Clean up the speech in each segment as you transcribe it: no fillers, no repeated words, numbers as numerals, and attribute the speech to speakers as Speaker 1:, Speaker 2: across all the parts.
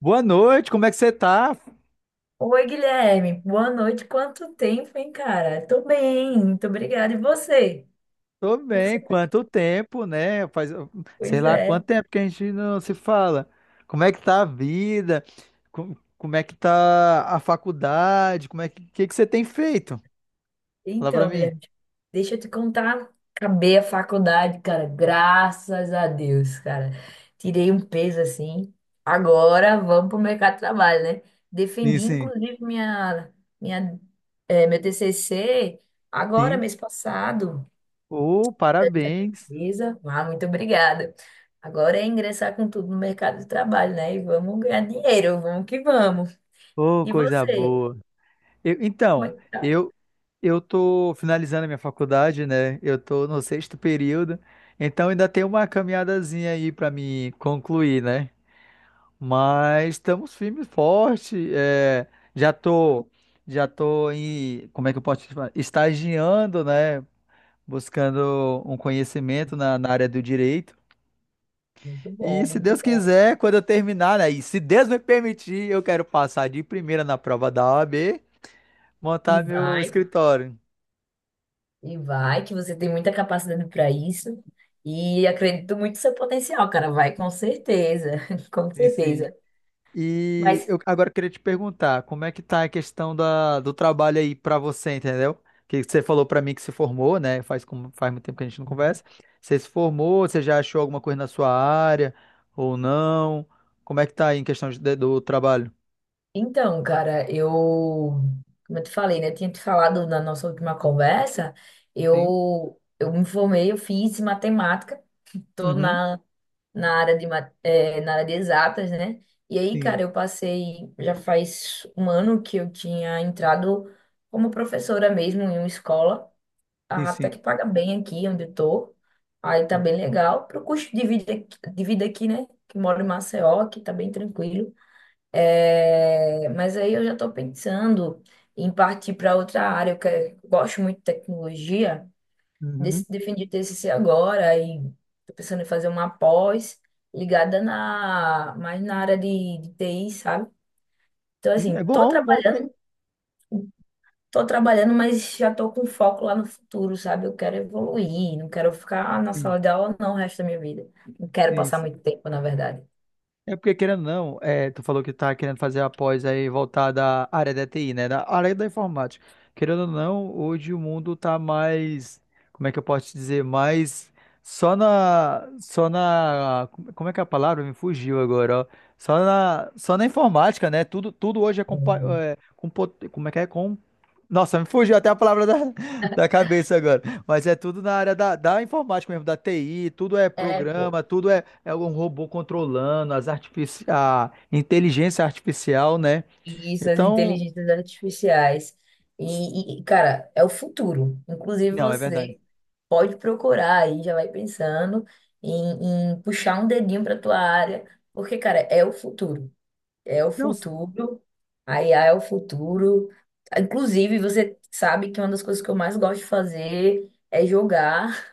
Speaker 1: Boa noite, como é que você tá?
Speaker 2: Oi, Guilherme. Boa noite. Quanto tempo, hein, cara? Tô bem, muito obrigada. E você?
Speaker 1: Tô
Speaker 2: Como é que você
Speaker 1: bem,
Speaker 2: tá?
Speaker 1: quanto tempo, né? Faz, sei
Speaker 2: Pois
Speaker 1: lá, quanto
Speaker 2: é.
Speaker 1: tempo que a gente não se fala. Como é que tá a vida? É que tá a faculdade? Como é que, que você tem feito? Fala pra
Speaker 2: Então,
Speaker 1: mim.
Speaker 2: Guilherme, deixa eu te contar. Acabei a faculdade, cara. Graças a Deus, cara. Tirei um peso assim. Agora vamos pro mercado de trabalho, né?
Speaker 1: Sim,
Speaker 2: Defendi,
Speaker 1: sim.
Speaker 2: inclusive, minha, meu TCC agora,
Speaker 1: Sim.
Speaker 2: mês passado.
Speaker 1: Ô, parabéns.
Speaker 2: Beleza? Ah, muito obrigada. Agora é ingressar com tudo no mercado de trabalho, né? E vamos ganhar dinheiro, vamos que vamos.
Speaker 1: Ô,
Speaker 2: E
Speaker 1: coisa
Speaker 2: você?
Speaker 1: boa. Eu-
Speaker 2: Como é
Speaker 1: então,
Speaker 2: que tá?
Speaker 1: eu eu tô finalizando a minha faculdade, né? Eu tô no sexto período, então ainda tem uma caminhadazinha aí pra me concluir, né? Mas estamos firme e forte. Já tô, já tô em, como é que eu posso chamar? Estagiando, né? Buscando um conhecimento na área do direito.
Speaker 2: Muito
Speaker 1: E
Speaker 2: bom,
Speaker 1: se
Speaker 2: muito
Speaker 1: Deus
Speaker 2: bom.
Speaker 1: quiser, quando eu terminar, né? E se Deus me permitir, eu quero passar de primeira na prova da OAB,
Speaker 2: E
Speaker 1: montar meu
Speaker 2: vai,
Speaker 1: escritório.
Speaker 2: e vai, que você tem muita capacidade para isso. E acredito muito no seu potencial, cara. Vai, com certeza, com
Speaker 1: Sim,
Speaker 2: certeza.
Speaker 1: sim. E
Speaker 2: Mas
Speaker 1: eu agora queria te perguntar, como é que tá a questão do trabalho aí pra você, entendeu? Que você falou pra mim que se formou, né? Faz, faz muito tempo que a gente não conversa. Você se formou, você já achou alguma coisa na sua área ou não? Como é que tá aí em do trabalho?
Speaker 2: Então, cara, eu, como eu te falei, né? Tinha te falado na nossa última conversa,
Speaker 1: Sim.
Speaker 2: eu me formei, eu fiz matemática, tô
Speaker 1: Uhum.
Speaker 2: na área de exatas, né? E aí,
Speaker 1: Sim,
Speaker 2: cara, eu passei, já faz um ano que eu tinha entrado como professora mesmo em uma escola,
Speaker 1: sim,
Speaker 2: até
Speaker 1: sim.
Speaker 2: que paga bem aqui onde eu tô, aí tá bem legal, pro custo de vida aqui, né? Que moro em Maceió, aqui tá bem tranquilo. É, mas aí eu já estou pensando em partir para outra área. Gosto muito de tecnologia,
Speaker 1: Uhum.
Speaker 2: defendi TCC agora e estou pensando em fazer uma pós ligada mais na área de TI, sabe? Então,
Speaker 1: Sim, é
Speaker 2: assim, tô
Speaker 1: bom, bom
Speaker 2: trabalhando, tô trabalhando, mas já tô com foco lá no futuro, sabe? Eu quero evoluir, não quero ficar na sala de aula não o resto da minha vida. Não quero
Speaker 1: Sim,
Speaker 2: passar
Speaker 1: sim,
Speaker 2: muito tempo, na verdade.
Speaker 1: é porque, querendo ou não, é, tu falou que tá querendo fazer a pós aí voltada à área da TI, né? Da área da informática. Querendo ou não, hoje o mundo tá mais, como é que eu posso te dizer, mais só na, como é que é a palavra? Me fugiu agora, ó. Só na informática, né? Tudo hoje é, como é que é? Nossa, me fugiu até a palavra da cabeça agora. Mas é tudo na área da informática mesmo, da TI, tudo é
Speaker 2: É, pô.
Speaker 1: programa, tudo é, é um robô controlando, as artifici a inteligência artificial, né?
Speaker 2: Isso, as
Speaker 1: Então,
Speaker 2: inteligências artificiais. E, cara, é o futuro. Inclusive,
Speaker 1: não, é verdade.
Speaker 2: você pode procurar aí, já vai pensando em puxar um dedinho para tua área, porque, cara, é o futuro. É o
Speaker 1: Não, s-
Speaker 2: futuro. A IA é o futuro. Inclusive, você sabe que uma das coisas que eu mais gosto de fazer é jogar.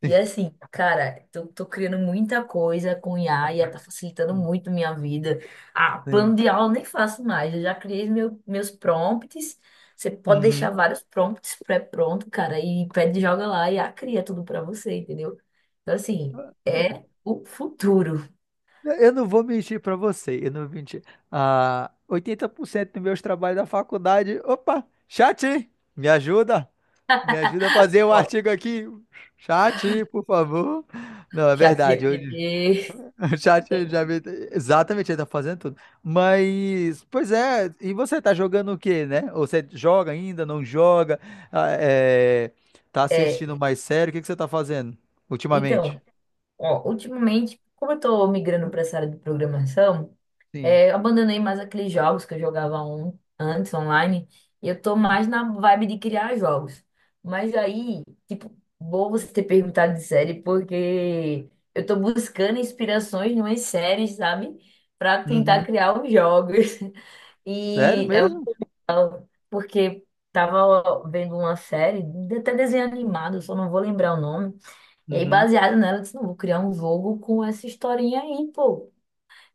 Speaker 2: E assim, cara, tô criando muita coisa com IA. IA
Speaker 1: Hum,
Speaker 2: tá facilitando
Speaker 1: hum,
Speaker 2: muito minha vida. Ah, plano
Speaker 1: sim.
Speaker 2: de aula eu nem faço mais, eu já criei meus prompts. Você pode deixar
Speaker 1: Uhum.
Speaker 2: vários prompts pré-pronto, cara, e pede, joga lá e a IA cria tudo pra você, entendeu? Então, assim, é o futuro.
Speaker 1: Eu não vou mentir pra você, eu não vou mentir. Ah, 80% dos meus trabalhos da faculdade. Opa, chat, me ajuda. Me ajuda a fazer o
Speaker 2: Ó,
Speaker 1: artigo aqui. Chat, por favor. Não, é verdade. Eu,
Speaker 2: ChatGPT.
Speaker 1: o chat já me... Exatamente, ele tá fazendo tudo. Mas, pois é, e você tá jogando o quê, né? Ou você joga ainda, não joga? Ah, é, Tá
Speaker 2: É,
Speaker 1: assistindo mais sério? O que você tá fazendo ultimamente?
Speaker 2: então, ó, ultimamente, como eu tô migrando pra essa área de programação,
Speaker 1: Sim.
Speaker 2: é, eu abandonei mais aqueles jogos que eu jogava antes online. E eu tô mais na vibe de criar jogos. Mas aí, tipo, bom você ter perguntado de série, porque eu tô buscando inspirações em umas séries, sabe? Pra tentar
Speaker 1: Uhum.
Speaker 2: criar os jogos.
Speaker 1: Sério
Speaker 2: E é um-
Speaker 1: mesmo?
Speaker 2: Porque tava vendo uma série, até desenho animado, só não vou lembrar o nome. E aí,
Speaker 1: Uhum.
Speaker 2: baseado nela, eu disse, não, vou criar um jogo com essa historinha aí, pô.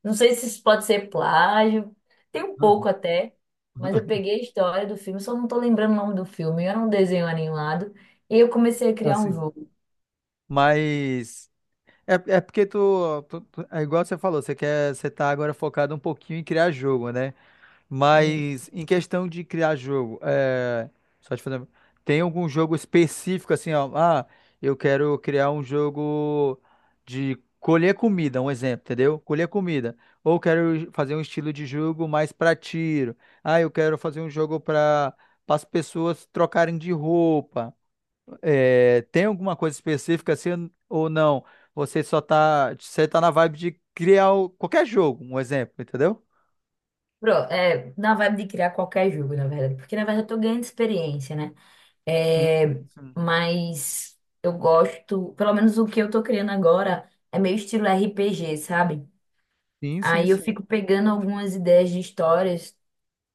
Speaker 2: Não sei se isso pode ser plágio, tem um pouco até, mas eu peguei a história do filme, só não tô lembrando o nome do filme. Era um desenho animado e eu comecei a criar um
Speaker 1: Assim.
Speaker 2: jogo.
Speaker 1: Mas é, é porque tu, tu- tu- é igual você falou, você quer, você tá agora focado um pouquinho em criar jogo, né?
Speaker 2: E,
Speaker 1: Mas em questão de criar jogo, só te fazer, tem algum jogo específico assim, ó, ah, eu quero criar um jogo de colher comida, um exemplo, entendeu? Colher comida. Ou quero fazer um estilo de jogo mais pra tiro. Ah, eu quero fazer um jogo para as pessoas trocarem de roupa. É, tem alguma coisa específica assim ou não? Você tá na vibe de criar qualquer jogo, um exemplo, entendeu?
Speaker 2: na vibe de criar qualquer jogo, na verdade, porque na verdade eu tô ganhando experiência, né?
Speaker 1: Hum,
Speaker 2: É,
Speaker 1: sim.
Speaker 2: mas eu gosto, pelo menos o que eu tô criando agora é meio estilo RPG, sabe?
Speaker 1: Sim, sim,
Speaker 2: Aí eu
Speaker 1: sim.
Speaker 2: fico pegando algumas ideias de histórias.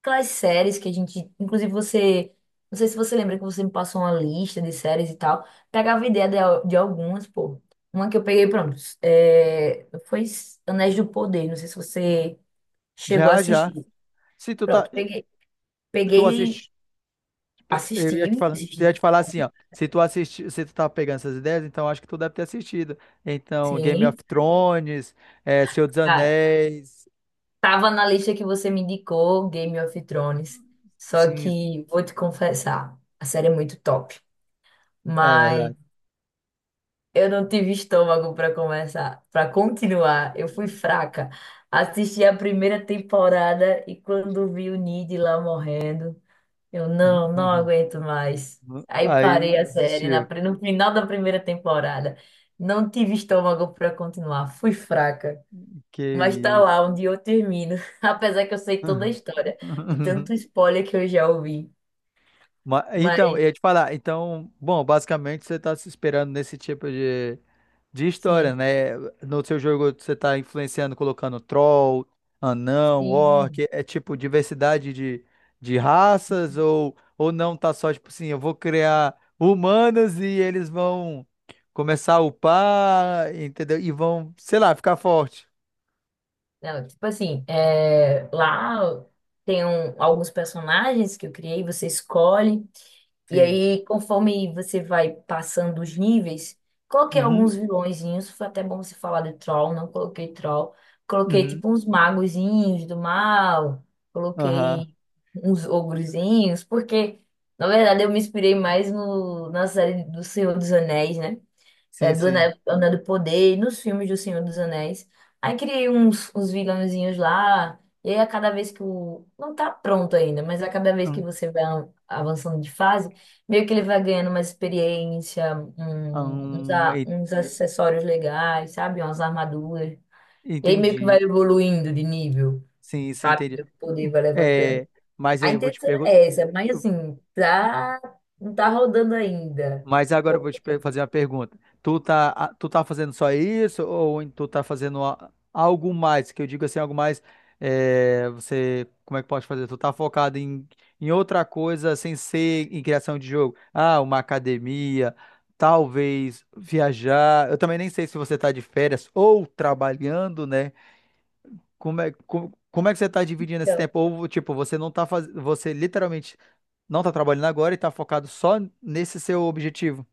Speaker 2: Aquelas séries que a gente, inclusive você, não sei se você lembra que você me passou uma lista de séries e tal, pegava ideia de algumas, pô. Uma que eu peguei, pronto, é, foi Anéis do Poder, não sei se você chegou a
Speaker 1: Já, já.
Speaker 2: assistir.
Speaker 1: Se tu tá,
Speaker 2: Pronto, peguei,
Speaker 1: tu
Speaker 2: peguei,
Speaker 1: assiste, pô,
Speaker 2: assisti, assisti,
Speaker 1: eu ia te falar assim, ó. Se tu tá pegando essas ideias, então acho que tu deve ter assistido. Então, Game of
Speaker 2: sim,
Speaker 1: Thrones, é, Senhor dos
Speaker 2: cara,
Speaker 1: Anéis,
Speaker 2: tava na lista que você me indicou, Game of Thrones, só
Speaker 1: sim,
Speaker 2: que vou te confessar, a série é muito top.
Speaker 1: é verdade.
Speaker 2: Eu não tive estômago para começar, para continuar. Eu fui fraca. Assisti a primeira temporada e quando vi o Nid lá morrendo, eu não aguento mais. Aí
Speaker 1: Aí
Speaker 2: parei a série
Speaker 1: desistiu.
Speaker 2: no final da primeira temporada. Não tive estômago para continuar. Fui fraca.
Speaker 1: Que
Speaker 2: Mas tá
Speaker 1: isso.
Speaker 2: lá onde eu termino. Apesar que eu sei toda a história. De tanto spoiler que eu já ouvi.
Speaker 1: Então,
Speaker 2: Mas
Speaker 1: eu ia te falar, então, bom, basicamente você está se esperando nesse tipo de história,
Speaker 2: sim,
Speaker 1: né? No seu jogo você está influenciando, colocando troll, anão,
Speaker 2: sim.
Speaker 1: orc, é tipo diversidade de raças, ou não tá só, tipo assim, eu vou criar humanos e eles vão começar a upar, entendeu? E vão, sei lá, ficar forte.
Speaker 2: Não, tipo assim, é, lá tem alguns personagens que eu criei, você escolhe, e
Speaker 1: Sim.
Speaker 2: aí conforme você vai passando os níveis, coloquei
Speaker 1: Uhum,
Speaker 2: alguns vilõezinhos, foi até bom você falar de troll, não coloquei troll, coloquei
Speaker 1: uhum,
Speaker 2: tipo uns magozinhos do mal,
Speaker 1: aham,
Speaker 2: coloquei uns ogrozinhos, porque na verdade eu me inspirei mais no, na série do Senhor dos Anéis, né? É,
Speaker 1: sim,
Speaker 2: do
Speaker 1: sim.
Speaker 2: Anel do Poder, e nos filmes do Senhor dos Anéis. Aí criei uns vilãozinhos lá, e aí a cada vez que o. Não tá pronto ainda, mas a cada vez
Speaker 1: Hum,
Speaker 2: que você vai avançando de fase, meio que ele vai ganhando uma experiência,
Speaker 1: hum, en-
Speaker 2: uns acessórios legais, sabe? Umas armaduras. E aí meio que vai
Speaker 1: entendi.
Speaker 2: evoluindo de nível,
Speaker 1: Sim, sim,
Speaker 2: sabe?
Speaker 1: entendi.
Speaker 2: O poder vai levantando.
Speaker 1: É, mas
Speaker 2: A
Speaker 1: aí eu vou te
Speaker 2: intenção
Speaker 1: perguntar.
Speaker 2: é essa, mas assim, tá, não tá rodando ainda.
Speaker 1: Mas agora eu vou
Speaker 2: Pouco
Speaker 1: fazer
Speaker 2: tempo.
Speaker 1: uma pergunta. Tu tá fazendo só isso ou tu tá fazendo algo mais? Que eu digo assim, algo mais. Você, como é que pode fazer? Tu tá focado em, em outra coisa sem ser em criação de jogo? Ah, uma academia, talvez viajar. Eu também nem sei se você tá de férias ou trabalhando, né? Como é que você tá dividindo esse
Speaker 2: Então,
Speaker 1: tempo? Ou, tipo, você não tá fazendo. Você literalmente não tá trabalhando agora e tá focado só nesse seu objetivo.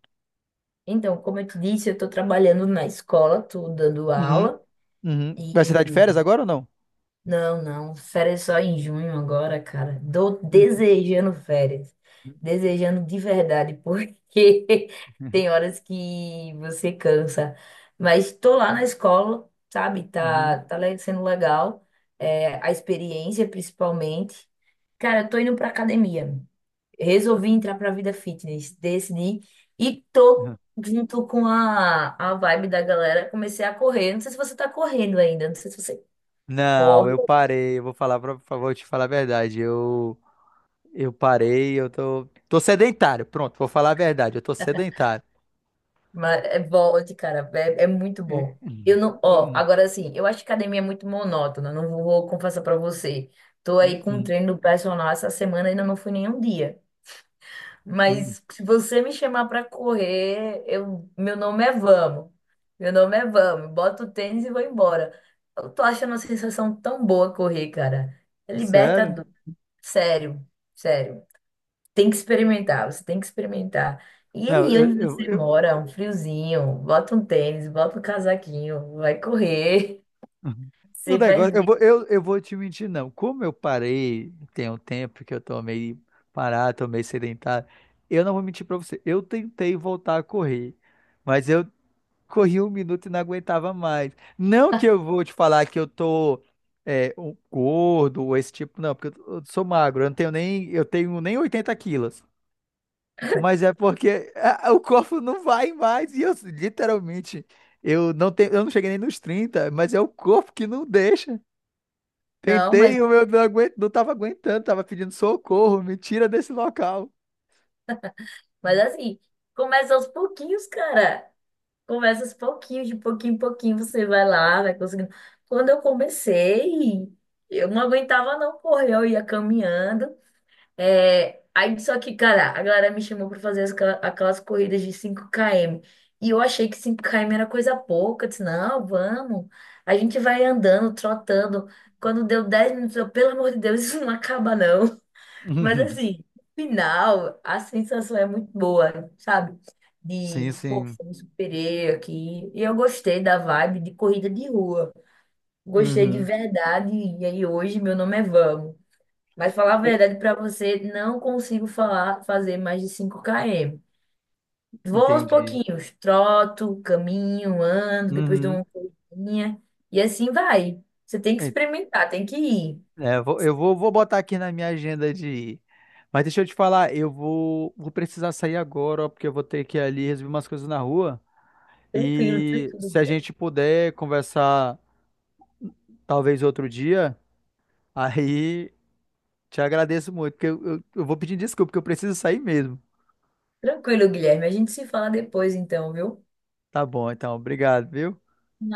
Speaker 2: Então, como eu te disse, eu estou trabalhando na escola, estou dando
Speaker 1: Uhum,
Speaker 2: aula
Speaker 1: uhum. Vai se dar de férias
Speaker 2: e
Speaker 1: agora ou não?
Speaker 2: não, não, férias só em junho agora, cara. Tô
Speaker 1: Uhum,
Speaker 2: desejando férias, desejando de verdade, porque
Speaker 1: uhum,
Speaker 2: tem horas que você cansa. Mas estou lá na escola, sabe?
Speaker 1: uhum.
Speaker 2: Tá, sendo legal, é, a experiência principalmente. Cara, eu tô indo para academia. Resolvi entrar para a vida fitness, decidi e tô junto com a vibe da galera, comecei a correr. Não sei se você tá correndo ainda, não sei se você
Speaker 1: Não,
Speaker 2: corre,
Speaker 1: eu parei. Eu vou falar pra, pra- vou te falar a verdade. Eu parei, tô sedentário. Pronto, vou falar a verdade. Eu tô sedentário.
Speaker 2: mas é volte, cara, é muito
Speaker 1: É,
Speaker 2: bom. Eu não, ó,
Speaker 1: hum,
Speaker 2: agora assim, eu acho que academia é muito monótona, não vou confessar para você. Tô
Speaker 1: hum,
Speaker 2: aí com um
Speaker 1: hum,
Speaker 2: treino do personal essa semana, ainda não fui nenhum dia.
Speaker 1: hum.
Speaker 2: Mas se você me chamar para correr, meu nome é Vamos. Meu nome é Vamos. Boto o tênis e vou embora. Eu tô achando uma sensação tão boa correr, cara. É
Speaker 1: Sério?
Speaker 2: libertador. Sério, sério. Tem que experimentar, você tem que experimentar. E
Speaker 1: Não,
Speaker 2: aí, onde você
Speaker 1: eu,
Speaker 2: mora, um friozinho, bota um tênis, bota um casaquinho, vai correr,
Speaker 1: Uhum. O
Speaker 2: você vai
Speaker 1: negócio,
Speaker 2: ver.
Speaker 1: eu vou te mentir, não. Como eu parei, tem um tempo que eu tô meio parado, tô meio sedentário, eu não vou mentir pra você. Eu tentei voltar a correr, mas eu corri um minuto e não aguentava mais. Não que eu vou te falar que eu tô um gordo ou esse tipo, não, porque eu sou magro, eu tenho nem 80 quilos. Mas é porque ah, o corpo não vai mais e eu literalmente, eu não cheguei nem nos 30 mas é o corpo que não deixa.
Speaker 2: Não, mas,
Speaker 1: Tentei, o meu não aguento, não tava aguentando, tava pedindo socorro, me tira desse local.
Speaker 2: mas assim, começa aos pouquinhos, cara. Começa aos pouquinhos, de pouquinho em pouquinho você vai lá, vai conseguindo. Quando eu comecei, eu não aguentava não correr, eu ia caminhando. É, aí só que, cara, a galera me chamou para fazer aquelas corridas de 5 km. E eu achei que 5 km era coisa pouca. Eu disse, não, vamos. A gente vai andando, trotando. Quando deu 10 minutos, eu, pelo amor de Deus, isso não acaba não. Mas
Speaker 1: Uhum.
Speaker 2: assim, no final, a sensação é muito boa, sabe?
Speaker 1: Sim,
Speaker 2: De, pô,
Speaker 1: sim.
Speaker 2: me superei aqui. E eu gostei da vibe de corrida de rua. Gostei de
Speaker 1: Uhum.
Speaker 2: verdade. E aí hoje meu nome é Vamos. Mas falar a
Speaker 1: É,
Speaker 2: verdade pra você, não consigo fazer mais de 5 km. Vou aos
Speaker 1: entendi.
Speaker 2: pouquinhos, troto, caminho, ando, depois dou
Speaker 1: Uhum.
Speaker 2: uma corridinha. E assim vai. Você tem que
Speaker 1: É,
Speaker 2: experimentar, tem que ir.
Speaker 1: é, eu vou, vou botar aqui na minha agenda de ir. Mas deixa eu te falar, eu vou, vou precisar sair agora, ó, porque eu vou ter que ir ali resolver umas coisas na rua.
Speaker 2: Tranquilo,
Speaker 1: E
Speaker 2: tranquilo.
Speaker 1: se a gente puder conversar talvez outro dia, aí te agradeço muito, porque eu vou pedir desculpa, porque eu preciso sair mesmo.
Speaker 2: Tranquilo, Guilherme. A gente se fala depois, então, viu?
Speaker 1: Tá bom, então, obrigado, viu?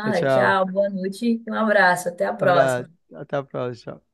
Speaker 1: Tchau, tchau.
Speaker 2: tchau, boa noite, um abraço, até a
Speaker 1: Abraço.
Speaker 2: próxima.
Speaker 1: Até a próxima. Tchau.